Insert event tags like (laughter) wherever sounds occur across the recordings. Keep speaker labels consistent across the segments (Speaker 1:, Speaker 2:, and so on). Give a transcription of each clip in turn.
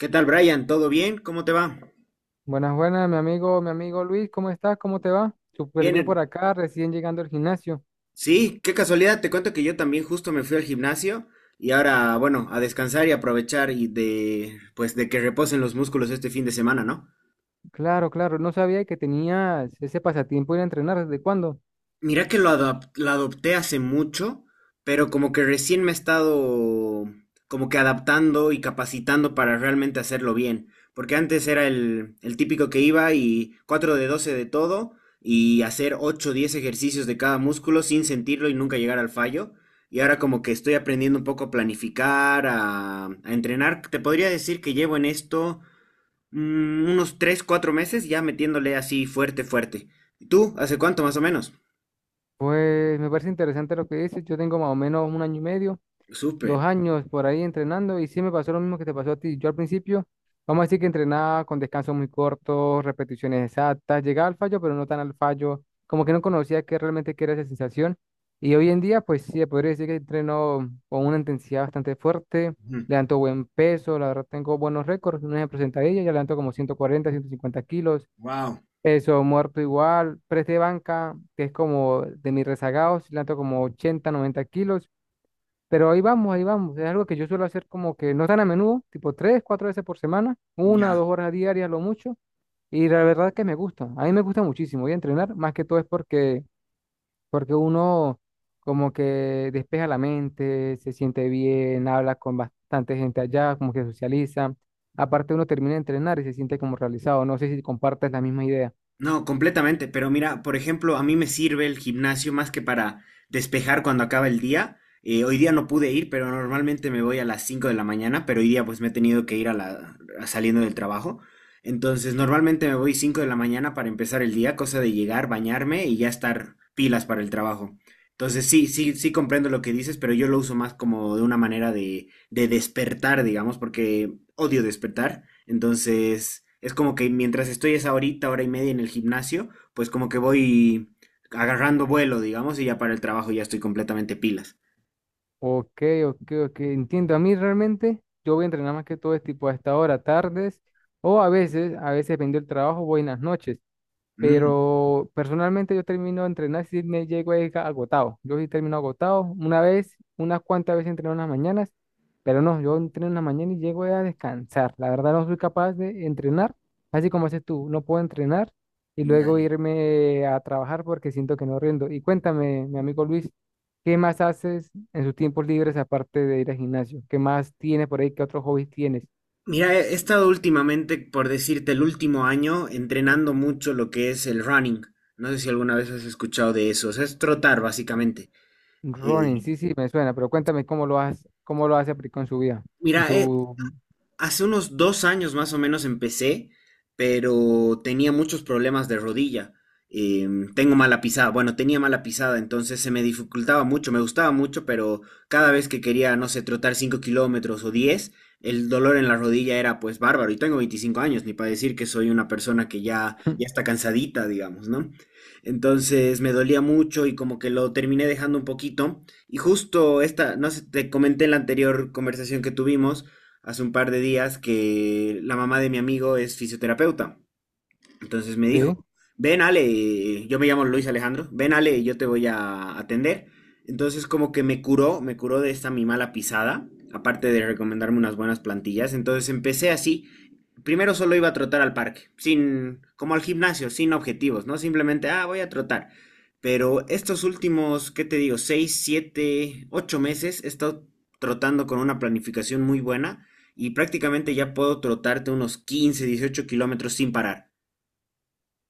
Speaker 1: ¿Qué tal, Brian? ¿Todo bien? ¿Cómo te va?
Speaker 2: Buenas, buenas, mi amigo Luis, ¿cómo estás? ¿Cómo te va? Súper
Speaker 1: Bien.
Speaker 2: bien por acá, recién llegando al gimnasio.
Speaker 1: Sí, qué casualidad. Te cuento que yo también justo me fui al gimnasio y ahora, bueno, a descansar y aprovechar y de que reposen los músculos este fin de semana, ¿no?
Speaker 2: Claro, claro, no sabía que tenías ese pasatiempo de ir a entrenar, ¿desde cuándo?
Speaker 1: Mira que la adopté hace mucho, pero como que recién me he estado como que adaptando y capacitando para realmente hacerlo bien. Porque antes era el típico que iba y 4 de 12 de todo y hacer 8, o 10 ejercicios de cada músculo sin sentirlo y nunca llegar al fallo. Y ahora como que estoy aprendiendo un poco a planificar, a entrenar. Te podría decir que llevo en esto unos 3, 4 meses ya metiéndole así fuerte, fuerte. ¿Y tú? ¿Hace cuánto más o menos?
Speaker 2: Pues me parece interesante lo que dices, yo tengo más o menos un año y medio. dos
Speaker 1: Súper.
Speaker 2: años por ahí entrenando y sí me pasó lo mismo que te pasó a ti. Yo al principio, vamos a decir que entrenaba con descansos muy cortos, repeticiones exactas, llegaba al fallo, pero no tan al fallo, como que no conocía qué realmente qué era esa sensación. Y hoy en día, pues sí, podría decir que entreno con una intensidad bastante fuerte,
Speaker 1: Ujú.
Speaker 2: levanto buen peso, la verdad tengo buenos récords, un ejemplo sentadilla, ya levanto como 140 150 kilos,
Speaker 1: Wow.
Speaker 2: peso muerto igual, press de banca, que es como de mis rezagados, levanto como 80 90 kilos. Pero ahí vamos, ahí vamos. Es algo que yo suelo hacer como que no tan a menudo, tipo tres, cuatro veces por semana, una o
Speaker 1: Ya.
Speaker 2: dos horas diarias, lo mucho. Y la verdad es que me gusta. A mí me gusta muchísimo. Y entrenar, más que todo es porque uno como que despeja la mente, se siente bien, habla con bastante gente allá, como que socializa. Aparte uno termina de entrenar y se siente como realizado. No sé si compartes la misma idea.
Speaker 1: No, completamente. Pero mira, por ejemplo, a mí me sirve el gimnasio más que para despejar cuando acaba el día. Hoy día no pude ir, pero normalmente me voy a las 5 de la mañana, pero hoy día pues me he tenido que ir a saliendo del trabajo. Entonces, normalmente me voy 5 de la mañana para empezar el día, cosa de llegar, bañarme y ya estar pilas para el trabajo. Entonces, sí comprendo lo que dices, pero yo lo uso más como de una manera de despertar, digamos, porque odio despertar, entonces es como que mientras estoy esa horita, hora y media en el gimnasio, pues como que voy agarrando vuelo, digamos, y ya para el trabajo ya estoy completamente pilas.
Speaker 2: Ok, ok, ok. Entiendo. A mí realmente yo voy a entrenar más que todo es tipo a esta hora, tardes, o a veces dependiendo del trabajo, voy en las noches.
Speaker 1: Mm,
Speaker 2: Pero personalmente yo termino de entrenar si me llego ahí agotado. Yo sí termino agotado. Una vez, unas cuantas veces entreno en las mañanas, pero no, yo entreno en la mañana y llego a descansar. La verdad no soy capaz de entrenar, así como haces tú. No puedo entrenar y luego
Speaker 1: ya.
Speaker 2: irme a trabajar porque siento que no rindo. Y cuéntame, mi amigo Luis, ¿qué más haces en sus tiempos libres aparte de ir al gimnasio? ¿Qué más tienes por ahí? ¿Qué otros hobbies tienes?
Speaker 1: Mira, he estado últimamente, por decirte, el último año entrenando mucho lo que es el running. No sé si alguna vez has escuchado de eso, o sea, es trotar básicamente.
Speaker 2: Ronin,
Speaker 1: Eh,
Speaker 2: sí, sí, me suena, pero cuéntame cómo lo hace aplicó en su vida. En
Speaker 1: mira, he,
Speaker 2: su...
Speaker 1: Hace unos dos años más o menos empecé, pero tenía muchos problemas de rodilla. Eh, Tengo mala pisada, bueno, tenía mala pisada, entonces se me dificultaba mucho, me gustaba mucho, pero cada vez que quería, no sé, trotar 5 kilómetros o 10, el dolor en la rodilla era pues bárbaro. Y tengo 25 años, ni para decir que soy una persona que ya
Speaker 2: (clears throat) (laughs)
Speaker 1: está cansadita, digamos, ¿no? Entonces me dolía mucho y como que lo terminé dejando un poquito. Y justo esta, no sé, te comenté en la anterior conversación que tuvimos hace un par de días que la mamá de mi amigo es fisioterapeuta. Entonces me dijo,
Speaker 2: Sí.
Speaker 1: ven Ale, yo me llamo Luis Alejandro, ven Ale, yo te voy a atender. Entonces como que me curó de esta mi mala pisada, aparte de recomendarme unas buenas plantillas. Entonces empecé así, primero solo iba a trotar al parque, sin, como al gimnasio, sin objetivos, ¿no? Simplemente, ah, voy a trotar. Pero estos últimos, ¿qué te digo? Seis, siete, ocho meses he estado trotando con una planificación muy buena y prácticamente ya puedo trotarte unos 15, 18 kilómetros sin parar.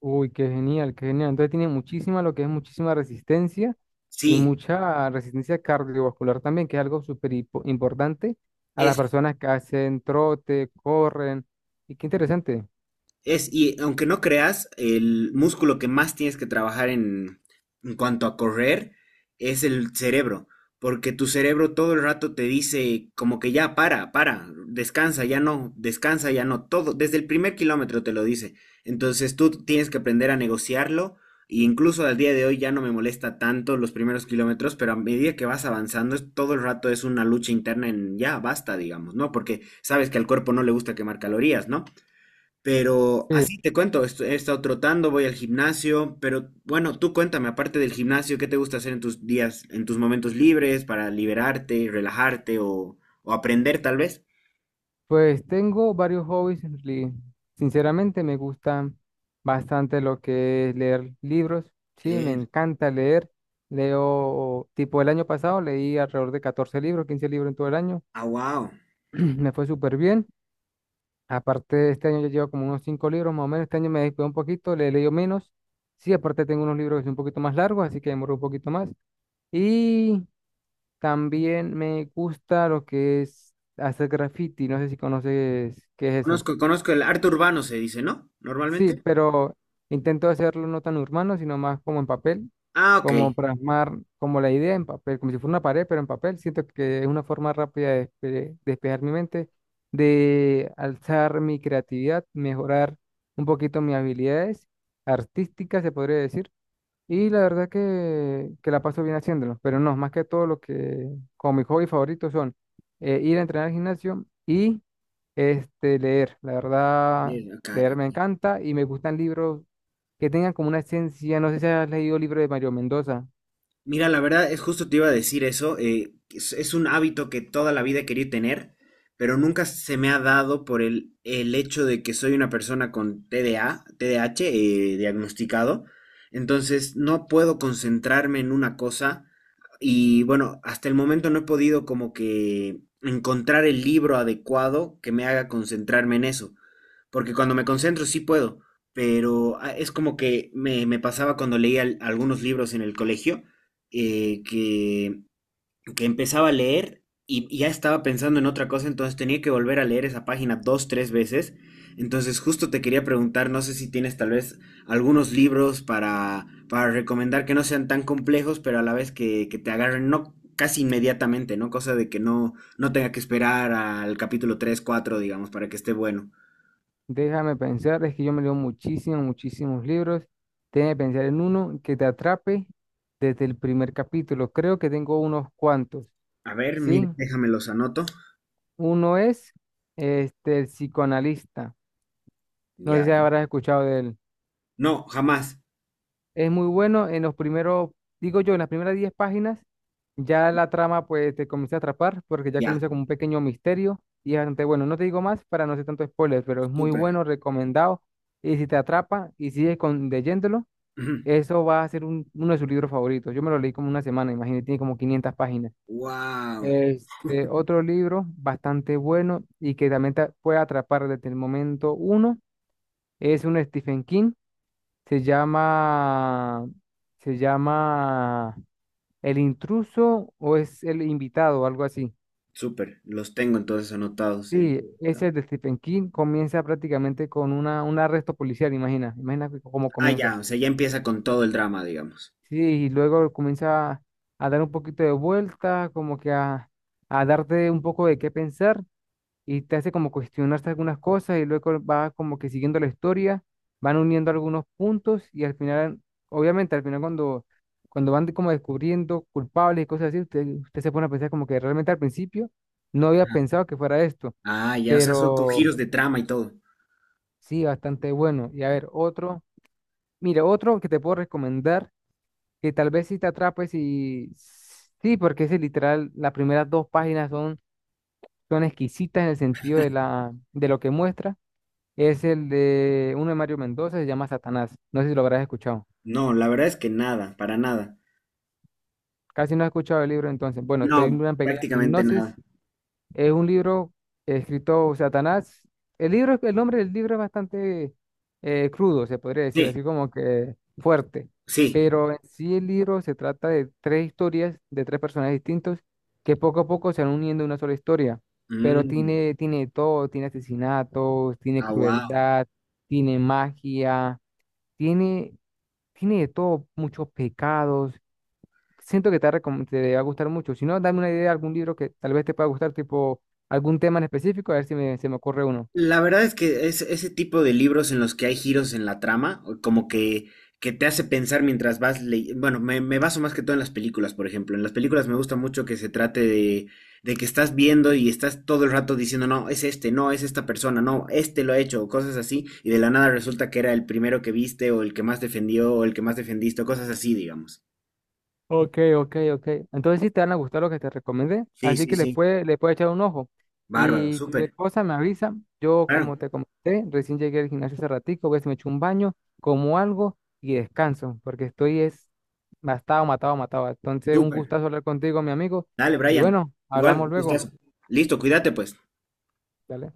Speaker 2: Uy, qué genial, qué genial. Entonces tiene muchísima, lo que es muchísima resistencia y
Speaker 1: Sí,
Speaker 2: mucha resistencia cardiovascular también, que es algo súper importante a las
Speaker 1: es
Speaker 2: personas que hacen trote, corren. Y qué interesante.
Speaker 1: Es, y aunque no creas, el músculo que más tienes que trabajar en cuanto a correr es el cerebro, porque tu cerebro todo el rato te dice como que ya para, descansa, ya no, todo, desde el primer kilómetro te lo dice. Entonces tú tienes que aprender a negociarlo. E incluso al día de hoy ya no me molesta tanto los primeros kilómetros, pero a medida que vas avanzando, todo el rato es una lucha interna en ya basta, digamos, ¿no? Porque sabes que al cuerpo no le gusta quemar calorías, ¿no? Pero
Speaker 2: Sí,
Speaker 1: así te cuento, he estado trotando, voy al gimnasio, pero bueno, tú cuéntame, aparte del gimnasio, ¿qué te gusta hacer en tus días, en tus momentos libres para liberarte, relajarte o aprender tal vez?
Speaker 2: pues tengo varios hobbies. Sinceramente me gusta bastante lo que es leer libros. Sí, me
Speaker 1: Leer.
Speaker 2: encanta leer. Leo, tipo el año pasado leí alrededor de 14 libros, 15 libros en todo el año.
Speaker 1: Ah, wow.
Speaker 2: (clears throat) Me fue súper bien. Aparte, este año ya llevo como unos 5 libros más o menos. Este año me descuidé un poquito, le he leído menos. Sí, aparte tengo unos libros que son un poquito más largos, así que demoro un poquito más. Y también me gusta lo que es hacer graffiti. No sé si conoces qué es eso.
Speaker 1: Conozco, conozco el arte urbano, se dice, ¿no?
Speaker 2: Sí,
Speaker 1: Normalmente.
Speaker 2: pero intento hacerlo no tan urbano, sino más como en papel,
Speaker 1: Ah, ok.
Speaker 2: como plasmar como la idea en papel, como si fuera una pared, pero en papel. Siento que es una forma rápida de despejar mi mente, de alzar mi creatividad, mejorar un poquito mis habilidades artísticas, se podría decir. Y la verdad que la paso bien haciéndolo, pero no, más que todo lo que como mi hobby favorito son ir a entrenar al gimnasio y leer. La verdad,
Speaker 1: Bien, ok.
Speaker 2: leer me encanta y me gustan libros que tengan como una esencia. No sé si has leído libros de Mario Mendoza.
Speaker 1: Mira, la verdad es justo te iba a decir eso. Es un hábito que toda la vida he querido tener, pero nunca se me ha dado por el hecho de que soy una persona con TDAH, diagnosticado. Entonces no puedo concentrarme en una cosa y bueno, hasta el momento no he podido como que encontrar el libro adecuado que me haga concentrarme en eso porque cuando me concentro sí puedo, pero ah, es como que me pasaba cuando leía algunos libros en el colegio, eh, que, que empezaba a leer y ya estaba pensando en otra cosa, entonces tenía que volver a leer esa página dos, tres veces. Entonces justo te quería preguntar, no sé si tienes tal vez algunos libros para recomendar que no sean tan complejos, pero a la vez que te agarren, no casi inmediatamente, ¿no? Cosa de que no tenga que esperar al capítulo 3 4 digamos, para que esté bueno.
Speaker 2: Déjame pensar, es que yo me leo muchísimos, muchísimos libros. Déjame pensar en uno que te atrape desde el primer capítulo. Creo que tengo unos cuantos,
Speaker 1: A ver,
Speaker 2: ¿sí?
Speaker 1: mire, déjame los anoto.
Speaker 2: Uno es El psicoanalista. No sé si
Speaker 1: Ya.
Speaker 2: habrás escuchado de él.
Speaker 1: No, jamás.
Speaker 2: Es muy bueno en los primeros, digo yo, en las primeras 10 páginas, ya la trama pues te comienza a atrapar porque ya
Speaker 1: Ya.
Speaker 2: comienza como un pequeño misterio y es bastante bueno. No te digo más para no hacer tanto spoiler, pero es muy
Speaker 1: Súper.
Speaker 2: bueno, recomendado. Y si te atrapa y sigues con, leyéndolo, eso va a ser uno de sus libros favoritos. Yo me lo leí como una semana, imagínate, tiene como 500 páginas.
Speaker 1: Wow.
Speaker 2: Otro libro bastante bueno y que también te puede atrapar desde el momento uno es un Stephen King. Se llama, se llama El intruso o es el invitado, algo así.
Speaker 1: Súper. Los tengo entonces anotados. El-
Speaker 2: Sí, ese es de Stephen King. Comienza prácticamente con una, un arresto policial, imagina. Imagina cómo
Speaker 1: Ah,
Speaker 2: comienza.
Speaker 1: ya. O sea, ya empieza con todo el drama, digamos.
Speaker 2: Sí, y luego comienza a dar un poquito de vuelta, como que a darte un poco de qué pensar, y te hace como cuestionarse algunas cosas y luego va como que siguiendo la historia, van uniendo algunos puntos y al final, obviamente al final cuando van como descubriendo culpables y cosas así, usted se pone a pensar como que realmente al principio no había pensado que fuera esto,
Speaker 1: Ah, ya. O sea, son con
Speaker 2: pero
Speaker 1: giros de trama y todo.
Speaker 2: sí, bastante bueno. Y a ver, otro, mire, otro que te puedo recomendar, que tal vez si te atrapes y sí, porque ese literal, las primeras dos páginas son exquisitas en el sentido de la, de lo que muestra. Es el de uno de Mario Mendoza, se llama Satanás. No sé si lo habrás escuchado.
Speaker 1: No, la verdad es que nada, para nada.
Speaker 2: Casi no has escuchado el libro entonces. Bueno, te doy
Speaker 1: No,
Speaker 2: una pequeña
Speaker 1: prácticamente
Speaker 2: sinopsis.
Speaker 1: nada.
Speaker 2: Es un libro escrito Satanás. El libro, el nombre del libro es bastante crudo, se podría decir,
Speaker 1: Sí,
Speaker 2: así como que fuerte.
Speaker 1: sí.
Speaker 2: Pero en sí el libro se trata de tres historias de tres personajes distintos que poco a poco se van uniendo en una sola historia. Pero
Speaker 1: Mm.
Speaker 2: tiene de todo, tiene asesinatos, tiene
Speaker 1: Ah,
Speaker 2: crueldad, tiene magia, tiene, tiene de todo, muchos pecados. Siento que te, va a te va a gustar mucho. Si no, dame una idea de algún libro que tal vez te pueda gustar, tipo algún tema en específico, a ver si me, se me ocurre uno.
Speaker 1: la verdad es que es ese tipo de libros en los que hay giros en la trama, o como que te hace pensar mientras vas leyendo. Bueno, me baso más que todo en las películas, por ejemplo. En las películas me gusta mucho que se trate de que estás viendo y estás todo el rato diciendo, no, es este, no, es esta persona, no, este lo ha hecho, o cosas así, y de la nada resulta que era el primero que viste, o el que más defendió, o el que más defendiste, o cosas así, digamos.
Speaker 2: Ok, ok, ok. Entonces sí te van a gustar lo que te recomendé.
Speaker 1: Sí,
Speaker 2: Así
Speaker 1: sí,
Speaker 2: que les
Speaker 1: sí.
Speaker 2: puede, le puede echar un ojo.
Speaker 1: Bárbaro,
Speaker 2: Y cualquier
Speaker 1: súper.
Speaker 2: cosa me avisa. Yo, como
Speaker 1: Claro,
Speaker 2: te comenté, recién llegué al gimnasio hace ratico, voy a ver si me echo un baño, como algo y descanso, porque estoy es matado, matado, matado. Entonces, un
Speaker 1: súper.
Speaker 2: gustazo hablar contigo, mi amigo.
Speaker 1: Dale,
Speaker 2: Y
Speaker 1: Brian.
Speaker 2: bueno,
Speaker 1: Igual,
Speaker 2: hablamos luego.
Speaker 1: gustazo. Listo, cuídate pues.
Speaker 2: Dale.